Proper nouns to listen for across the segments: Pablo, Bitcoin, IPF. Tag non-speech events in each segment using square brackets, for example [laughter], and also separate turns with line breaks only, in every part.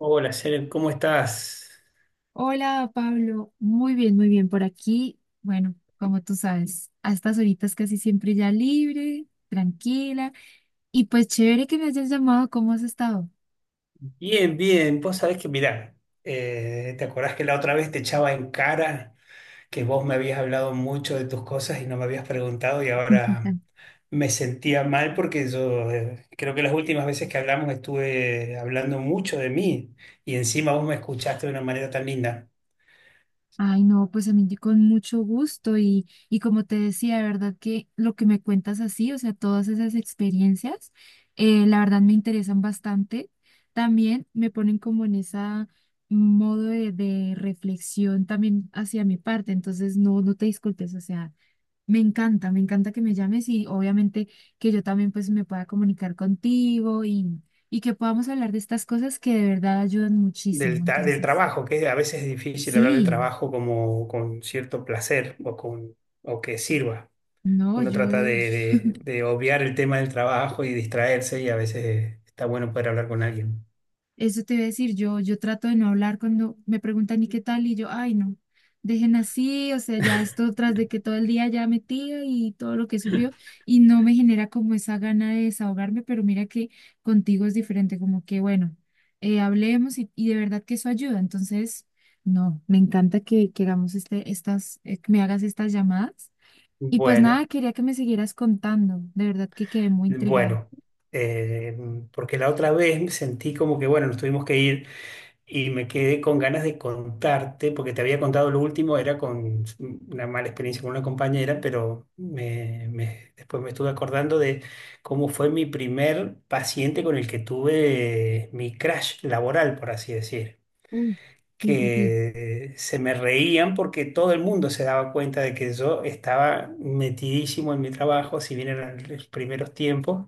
Hola, Janet, ¿cómo estás?
Hola Pablo, muy bien por aquí. Bueno, como tú sabes, a estas horitas casi siempre ya libre, tranquila y pues chévere que me hayas llamado, ¿cómo has estado?
Bien, bien. Vos sabés que, mirá, ¿te acordás que la otra vez te echaba en cara que vos me habías hablado mucho de tus cosas y no me habías preguntado y ahora
[laughs]
me sentía mal porque yo creo que las últimas veces que hablamos estuve hablando mucho de mí y encima vos me escuchaste de una manera tan linda?
Ay, no, pues a mí con mucho gusto y como te decía, de verdad que lo que me cuentas así, o sea, todas esas experiencias, la verdad me interesan bastante. También me ponen como en esa modo de reflexión también hacia mi parte, entonces no, no te disculpes, o sea. Me encanta que me llames y obviamente que yo también pues me pueda comunicar contigo y que podamos hablar de estas cosas que de verdad ayudan
del,
muchísimo.
ta- del
Entonces,
trabajo, que a veces es difícil hablar del
sí,
trabajo como con cierto placer, o que sirva.
no,
Uno
yo,
trata de obviar el tema del trabajo y distraerse, y a veces está bueno poder hablar con alguien.
Eso te iba a decir, yo trato de no hablar cuando me preguntan y qué tal, y yo, ay, no, dejen así, o sea, ya esto tras de que todo el día ya metía y todo lo que sufrió, y no me genera como esa gana de desahogarme, pero mira que contigo es diferente, como que bueno, hablemos y de verdad que eso ayuda, entonces, no, me encanta que hagamos estas, que me hagas estas llamadas, y pues
Bueno,
nada, quería que me siguieras contando, de verdad que quedé muy intrigada.
bueno, eh, porque la otra vez me sentí como que, bueno, nos tuvimos que ir y me quedé con ganas de contarte, porque te había contado lo último, era con una mala experiencia con una compañera, pero después me estuve acordando de cómo fue mi primer paciente con el que tuve mi crash laboral, por así decir.
Uy, sí, sí, sí,
Que se me reían porque todo el mundo se daba cuenta de que yo estaba metidísimo en mi trabajo, si bien eran los primeros tiempos,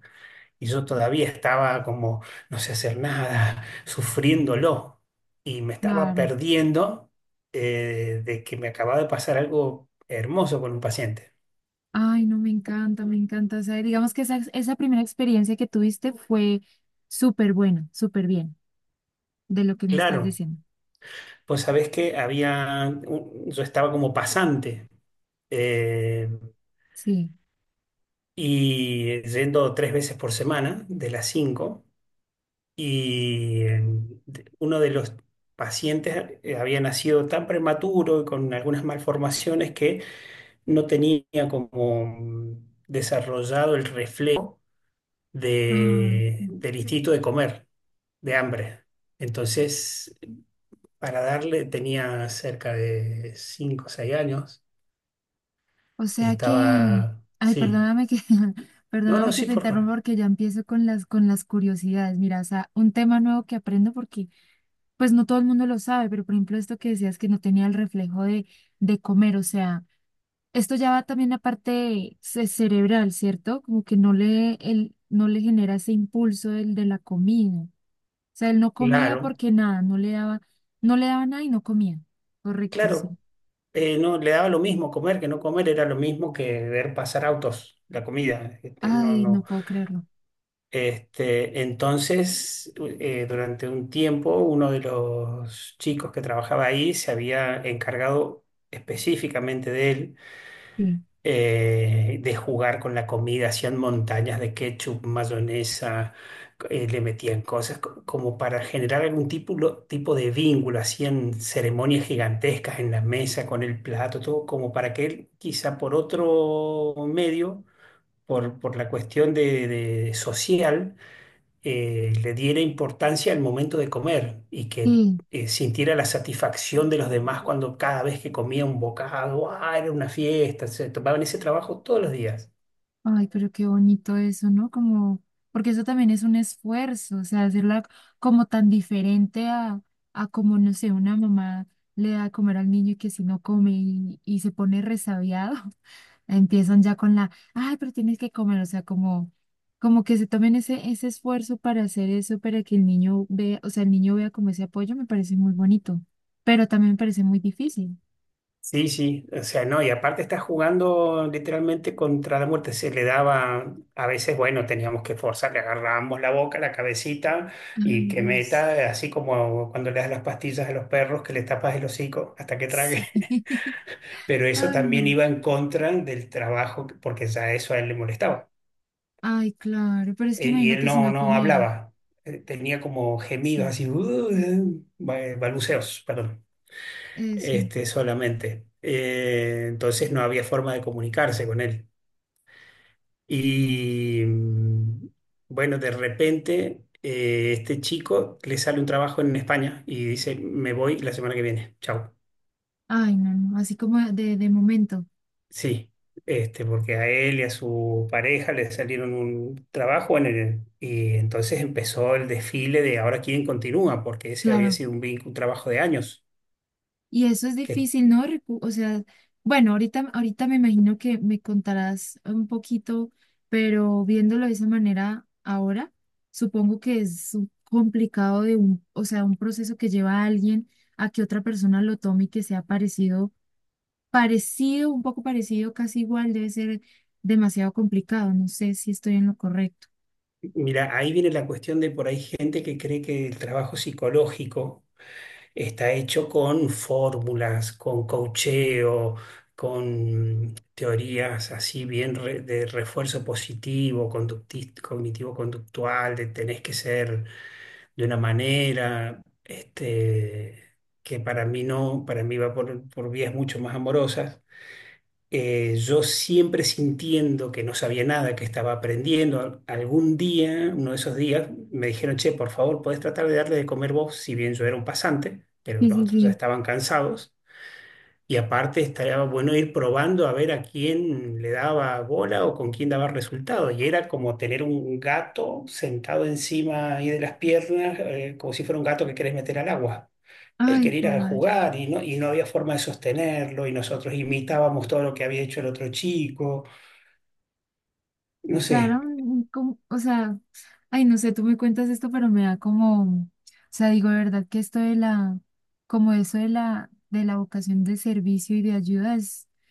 y yo todavía estaba como no sé hacer nada, [laughs] sufriéndolo, y me estaba
claro.
perdiendo, de que me acababa de pasar algo hermoso con un paciente.
Ay, no, me encanta, me encanta. O sea, digamos que esa primera experiencia que tuviste fue súper buena, súper bien, de lo que me estás
Claro,
diciendo.
pues sabés que había, yo estaba como pasante. eh,
Sí.
y yendo tres veces por semana, de las cinco. Y uno de los pacientes había nacido tan prematuro y con algunas malformaciones que no tenía como desarrollado el reflejo
Ah,
de-
ok.
del instinto de comer, de hambre. Entonces, para darle, tenía cerca de 5 o 6 años,
O sea que,
estaba,
ay,
sí,
[laughs]
no, no,
perdóname que
sí,
te
por
interrumpa
favor.
porque ya empiezo con las curiosidades. Mira, o sea, un tema nuevo que aprendo porque pues no todo el mundo lo sabe, pero por ejemplo esto que decías que no tenía el reflejo de comer, o sea, esto ya va también a parte cerebral, ¿cierto? Como que él, no le genera ese impulso el de la comida. O sea, él no comía
Claro,
porque nada, no le daba nada y no comía. Correcto,
claro.
sí.
No, le daba lo mismo comer que no comer, era lo mismo que ver pasar autos, la comida. Este, no,
Ay, no
no.
puedo creerlo.
Este, entonces, durante un tiempo, uno de los chicos que trabajaba ahí se había encargado específicamente de él,
Sí.
de jugar con la comida, hacían montañas de ketchup, mayonesa, le metían cosas como para generar algún tipo, tipo de vínculo, hacían ceremonias gigantescas en la mesa con el plato, todo como para que él, quizá por otro medio, por la cuestión de social, le diera importancia al momento de comer y que
Sí.
sintiera la satisfacción de los demás cuando cada vez que comía un bocado, ah, era una fiesta, se tomaban ese trabajo todos los días.
Ay, pero qué bonito eso, ¿no? Como, porque eso también es un esfuerzo, o sea, hacerla como tan diferente a como, no sé, una mamá le da a comer al niño y que si no come y se pone resabiado, empiezan ya con la, ay, pero tienes que comer, o sea, como que se tomen ese esfuerzo para hacer eso, para que el niño vea, o sea, el niño vea como ese apoyo, me parece muy bonito, pero también me parece muy difícil.
Sí, sí, o sea, no, y aparte está jugando literalmente contra la muerte, se le daba, a veces, bueno, teníamos que forzar, le agarrábamos la boca, la cabecita y
Ay,
que
Dios.
meta, así como cuando le das las pastillas a los perros, que le tapas el hocico hasta que trague.
Sí. [laughs]
Pero eso
Ay,
también
no.
iba en contra del trabajo, porque ya eso a él le molestaba.
Ay, claro, pero es que
Y él
imagínate si
no,
no
no
comiera.
hablaba. Tenía como gemidos
Sí,
así, balbuceos, perdón,
eso.
este, solamente. Entonces no había forma de comunicarse con él. Y bueno, de repente, este chico le sale un trabajo en España y dice, me voy la semana que viene, chao.
Ay, no, no, así como de momento.
Sí, este, porque a él y a su pareja le salieron un trabajo en el, y entonces empezó el desfile de ahora quién continúa, porque ese había
Claro,
sido un vínculo, un trabajo de años.
y eso es
Que,
difícil, ¿no? O sea, bueno, ahorita me imagino que me contarás un poquito, pero viéndolo de esa manera ahora, supongo que es complicado de o sea, un proceso que lleva a alguien a que otra persona lo tome y que sea parecido, parecido, un poco parecido, casi igual, debe ser demasiado complicado. No sé si estoy en lo correcto.
Mira, ahí viene la cuestión de por ahí gente que cree que el trabajo psicológico está hecho con fórmulas, con coacheo, con teorías así bien de refuerzo positivo, cognitivo-conductual, de tenés que ser de una manera, este, que para mí no, para mí va por vías mucho más amorosas. Yo siempre sintiendo que no sabía nada, que estaba aprendiendo, algún día, uno de esos días, me dijeron, che, por favor, podés tratar de darle de comer vos, si bien yo era un pasante, pero
Sí,
los
sí,
otros ya
sí.
estaban cansados. Y aparte estaría bueno ir probando a ver a quién le daba bola o con quién daba resultado. Y era como tener un gato sentado encima ahí de las piernas, como si fuera un gato que querés meter al agua. Él
Ay,
quería ir a
joder. O
jugar y no había forma de sostenerlo, y nosotros imitábamos todo lo que había hecho el otro chico. No sé.
sea, era o sea, ay, no sé, tú me cuentas esto, pero me da como, o sea, digo, de verdad que como eso de la vocación de servicio y de ayuda es, o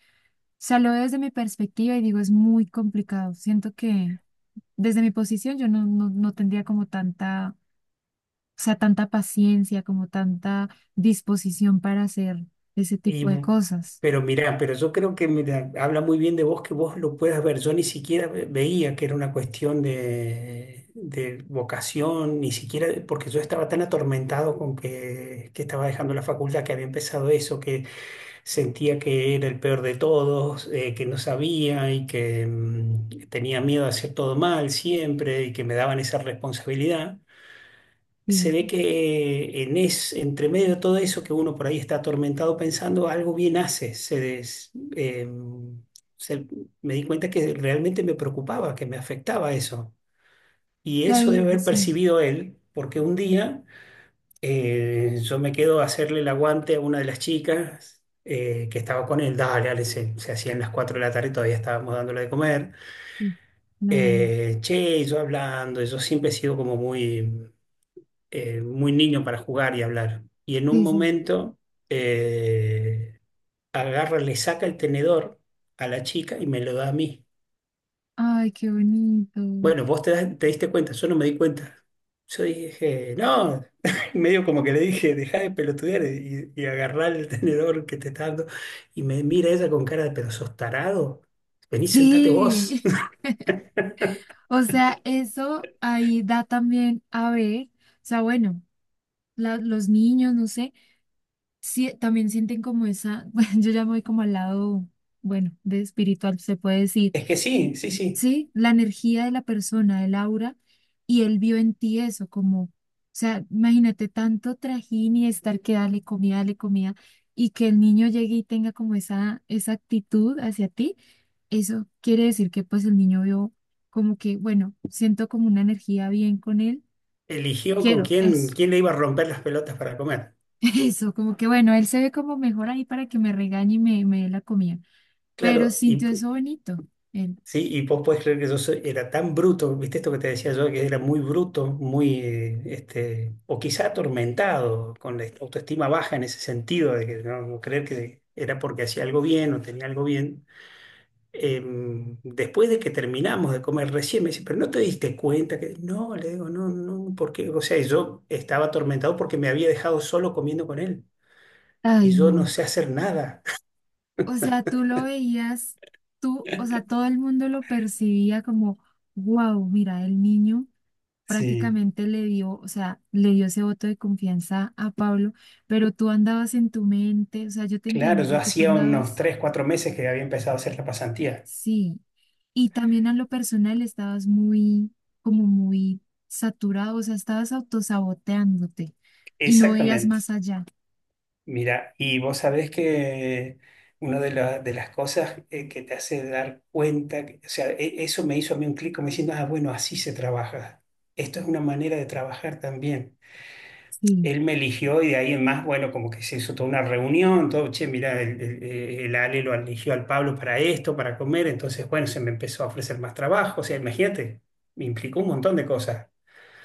sea, lo veo desde mi perspectiva y digo, es muy complicado. Siento que desde mi posición yo no tendría como tanta, o sea, tanta paciencia, como tanta disposición para hacer ese
Y,
tipo de cosas.
pero mira, pero yo creo que, mira, habla muy bien de vos que vos lo puedas ver. Yo ni siquiera veía que era una cuestión de vocación, ni siquiera porque yo estaba tan atormentado con que estaba dejando la facultad, que había empezado eso, que sentía que era el peor de todos, que no sabía y que tenía miedo a hacer todo mal siempre y que me daban esa responsabilidad. Se
Sí,
ve
sí,
que, entre medio de todo eso que uno por ahí está atormentado pensando, algo bien hace. Se- Me di cuenta que realmente me preocupaba, que me afectaba eso. Y
sí,
eso debe haber
sí,
percibido él, porque un día, yo me quedo a hacerle el aguante a una de las chicas. Que estaba con él, dale, dale, se hacían las 4 de la tarde y todavía estábamos dándole de comer.
sí, claro,
Che, y yo hablando, yo siempre he sido como muy, muy niño para jugar y hablar. Y en un
sí, sí.
momento, eh, agarra, le saca el tenedor a la chica y me lo da a mí.
Ay, qué bonito.
Bueno, vos te diste cuenta, yo no me di cuenta. Yo dije, no, [laughs] y medio como que le dije, dejá de pelotudear y agarrá el tenedor que te está dando. Y me mira ella con cara de, pero sos tarado, vení, sentate vos.
Sí.
[laughs]
O sea, eso ahí da también a ver, o sea, bueno, los niños, no sé, sí, también sienten como esa, [laughs] bueno, yo ya me voy como al lado, bueno, de espiritual, se puede decir.
Es que sí, sí, sí.
¿Sí? La energía de la persona, el aura, y él vio en ti eso, como, o sea, imagínate tanto trajín y estar que dale comida, y que el niño llegue y tenga como esa actitud hacia ti, eso quiere decir que pues el niño vio como que, bueno, siento como una energía bien con él,
Eligió con
quiero
quién,
eso.
quién le iba a romper las pelotas para comer.
[laughs] Eso, como que bueno, él se ve como mejor ahí para que me regañe y me dé la comida, pero
Claro.
sintió eso bonito. Él,
Sí, y vos podés creer que yo era tan bruto, viste esto que te decía yo, que era muy bruto, muy, este, o quizá atormentado, con la autoestima baja en ese sentido, de que no, no creer que era porque hacía algo bien o tenía algo bien. Después de que terminamos de comer recién, me dice, pero no te diste cuenta que, no, le digo, no, no, porque, o sea, yo estaba atormentado porque me había dejado solo comiendo con él y
ay,
yo no
no.
sé hacer nada. [laughs]
O sea, tú lo veías, o sea, todo el mundo lo percibía como, wow, mira, el niño
Sí.
prácticamente le dio, o sea, le dio ese voto de confianza a Pablo, pero tú andabas en tu mente, o sea, yo te
Claro,
entiendo,
yo
porque tú
hacía unos
andabas,
3, 4 meses que había empezado a hacer la pasantía.
sí, y también a lo personal estabas muy, como muy saturado, o sea, estabas autosaboteándote y no veías
Exactamente.
más allá,
Mira, y vos sabés que una de, de las cosas, que te hace dar cuenta, o sea, eso me hizo a mí un clic como diciendo, ah, bueno, así se trabaja. Esto es una manera de trabajar también.
sí.
Él me eligió y de ahí en más, bueno, como que se hizo toda una reunión, todo, che, mira, el Ale lo eligió al Pablo para esto, para comer, entonces, bueno, se me empezó a ofrecer más trabajo, o sea, imagínate, me implicó un montón de cosas.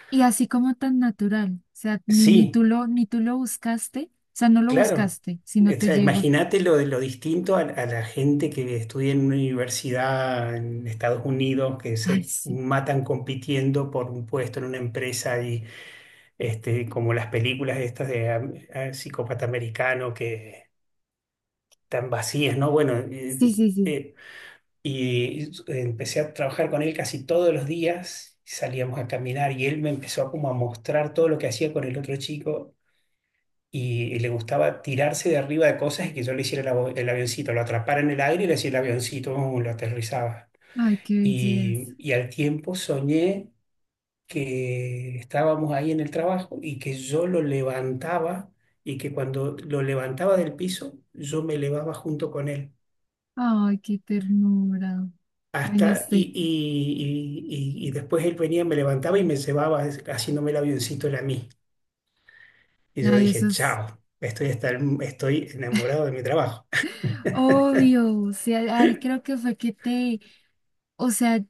Y así como tan natural, o sea, ni, ni
Sí.
tú lo, ni tú lo buscaste, o sea, no lo
Claro,
buscaste, sino
o
te
sea,
llegó.
imagínate lo de lo distinto a la gente que estudia en una universidad en Estados Unidos, que
[laughs] Ay,
se
sí,
matan compitiendo por un puesto en una empresa y este, como las películas estas de psicópata americano que tan vacías, ¿no? Bueno,
sí, sí, sí.
eh, y empecé a trabajar con él casi todos los días, salíamos a caminar y él me empezó como a mostrar todo lo que hacía con el otro chico, y le gustaba tirarse de arriba de cosas y que yo le hiciera el avioncito, lo atrapara en el aire y le hacía el avioncito, ¡uh!, lo aterrizaba.
Ay, qué belleza.
Y al tiempo soñé que estábamos ahí en el trabajo y que yo lo levantaba, y que cuando lo levantaba del piso, yo me elevaba junto con él.
Ay, qué ternura. Ay, no
Y, y,
sé.
y, y- y después él venía, me levantaba y me llevaba haciéndome el avioncito él a mí. Y yo
Ay, eso
dije,
es
chao, estoy, estoy enamorado de mi trabajo.
obvio. O sea, ay, creo que fue o sea,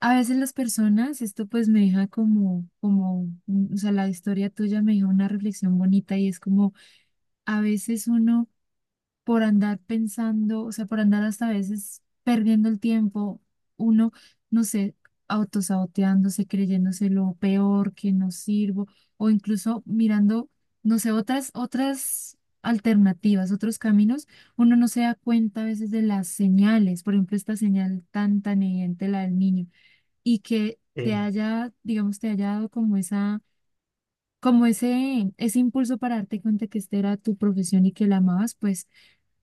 a veces las personas, esto pues me deja o sea, la historia tuya me deja una reflexión bonita y es como, a veces uno por andar pensando, o sea, por andar hasta a veces perdiendo el tiempo, uno, no sé, autosaboteándose, creyéndose lo peor, que no sirvo, o incluso mirando, no sé, otras alternativas, otros caminos, uno no se da cuenta a veces de las señales, por ejemplo, esta señal tan, tan evidente, la del niño, y que te
[laughs]
haya, digamos, te haya dado Como ese impulso para darte cuenta que esta era tu profesión y que la amabas, pues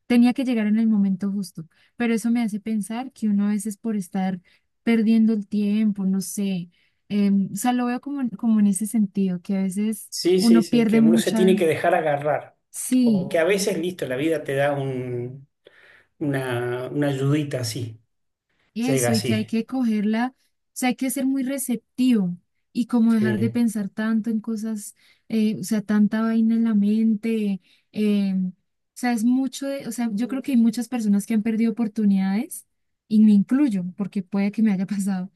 tenía que llegar en el momento justo, pero eso me hace pensar que uno a veces por estar perdiendo el tiempo, no sé, o sea, lo veo como, como en ese sentido, que a veces
Sí, sí,
uno
sí,
pierde
que uno se tiene
mucha,
que dejar agarrar. O
sí,
que a veces, listo, la vida te da un, una ayudita así, llega
eso, y que hay
así.
que cogerla, o sea, hay que ser muy receptivo y como dejar de
Sí,
pensar tanto en cosas, o sea, tanta vaina en la mente, o sea, es mucho de, o sea, yo creo que hay muchas personas que han perdido oportunidades, y me incluyo, porque puede que me haya [laughs] pasado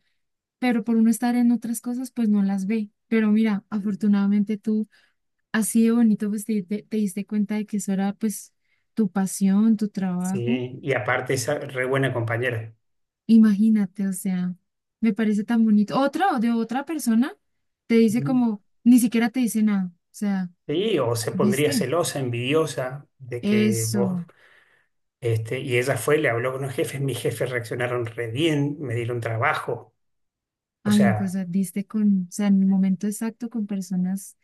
pero por uno estar en otras cosas, pues no las ve. Pero mira, afortunadamente tú, así de bonito, pues te diste cuenta de que eso era pues tu pasión, tu trabajo.
sí. Y aparte es re buena compañera.
Imagínate, o sea, me parece tan bonito. Otra o de otra persona te dice
Ujú.
como, ni siquiera te dice nada. O sea,
Sí, o se pondría
¿viste?
celosa, envidiosa de que vos,
Eso.
este, y ella fue, le habló con los jefes, mis jefes reaccionaron re bien, me dieron trabajo. O
Ay, no, pues o
sea,
sea, diste con, o sea, en el momento exacto con personas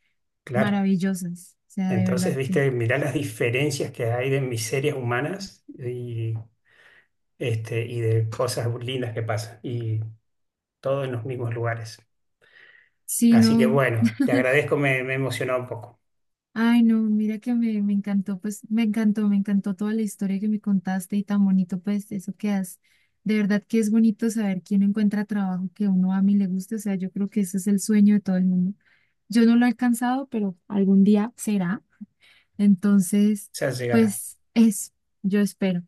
claro.
maravillosas. O sea, de
Entonces,
verdad que.
viste, mirá las diferencias que hay de miserias humanas y este, y de cosas lindas que pasan, y todo en los mismos lugares.
Sí,
Así que
no.
bueno, te agradezco, me emocionó un poco.
Ay, no, mira que me encantó, pues me encantó toda la historia que me contaste y tan bonito, pues eso que has. De verdad que es bonito saber quién encuentra trabajo que uno ama y le guste, o sea, yo creo que ese es el sueño de todo el mundo. Yo no lo he alcanzado, pero algún día será. Entonces,
Ya llegará.
pues es, yo espero.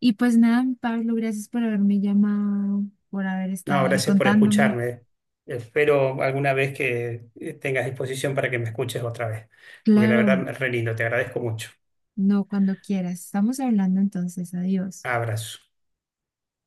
Y pues nada, Pablo, gracias por haberme llamado, por haber
No,
estado ahí
gracias por
contándome.
escucharme. Espero alguna vez que, tengas disposición para que me escuches otra vez, porque la
Claro,
verdad es re lindo, te agradezco mucho.
no, cuando quieras. Estamos hablando entonces, adiós.
Abrazo.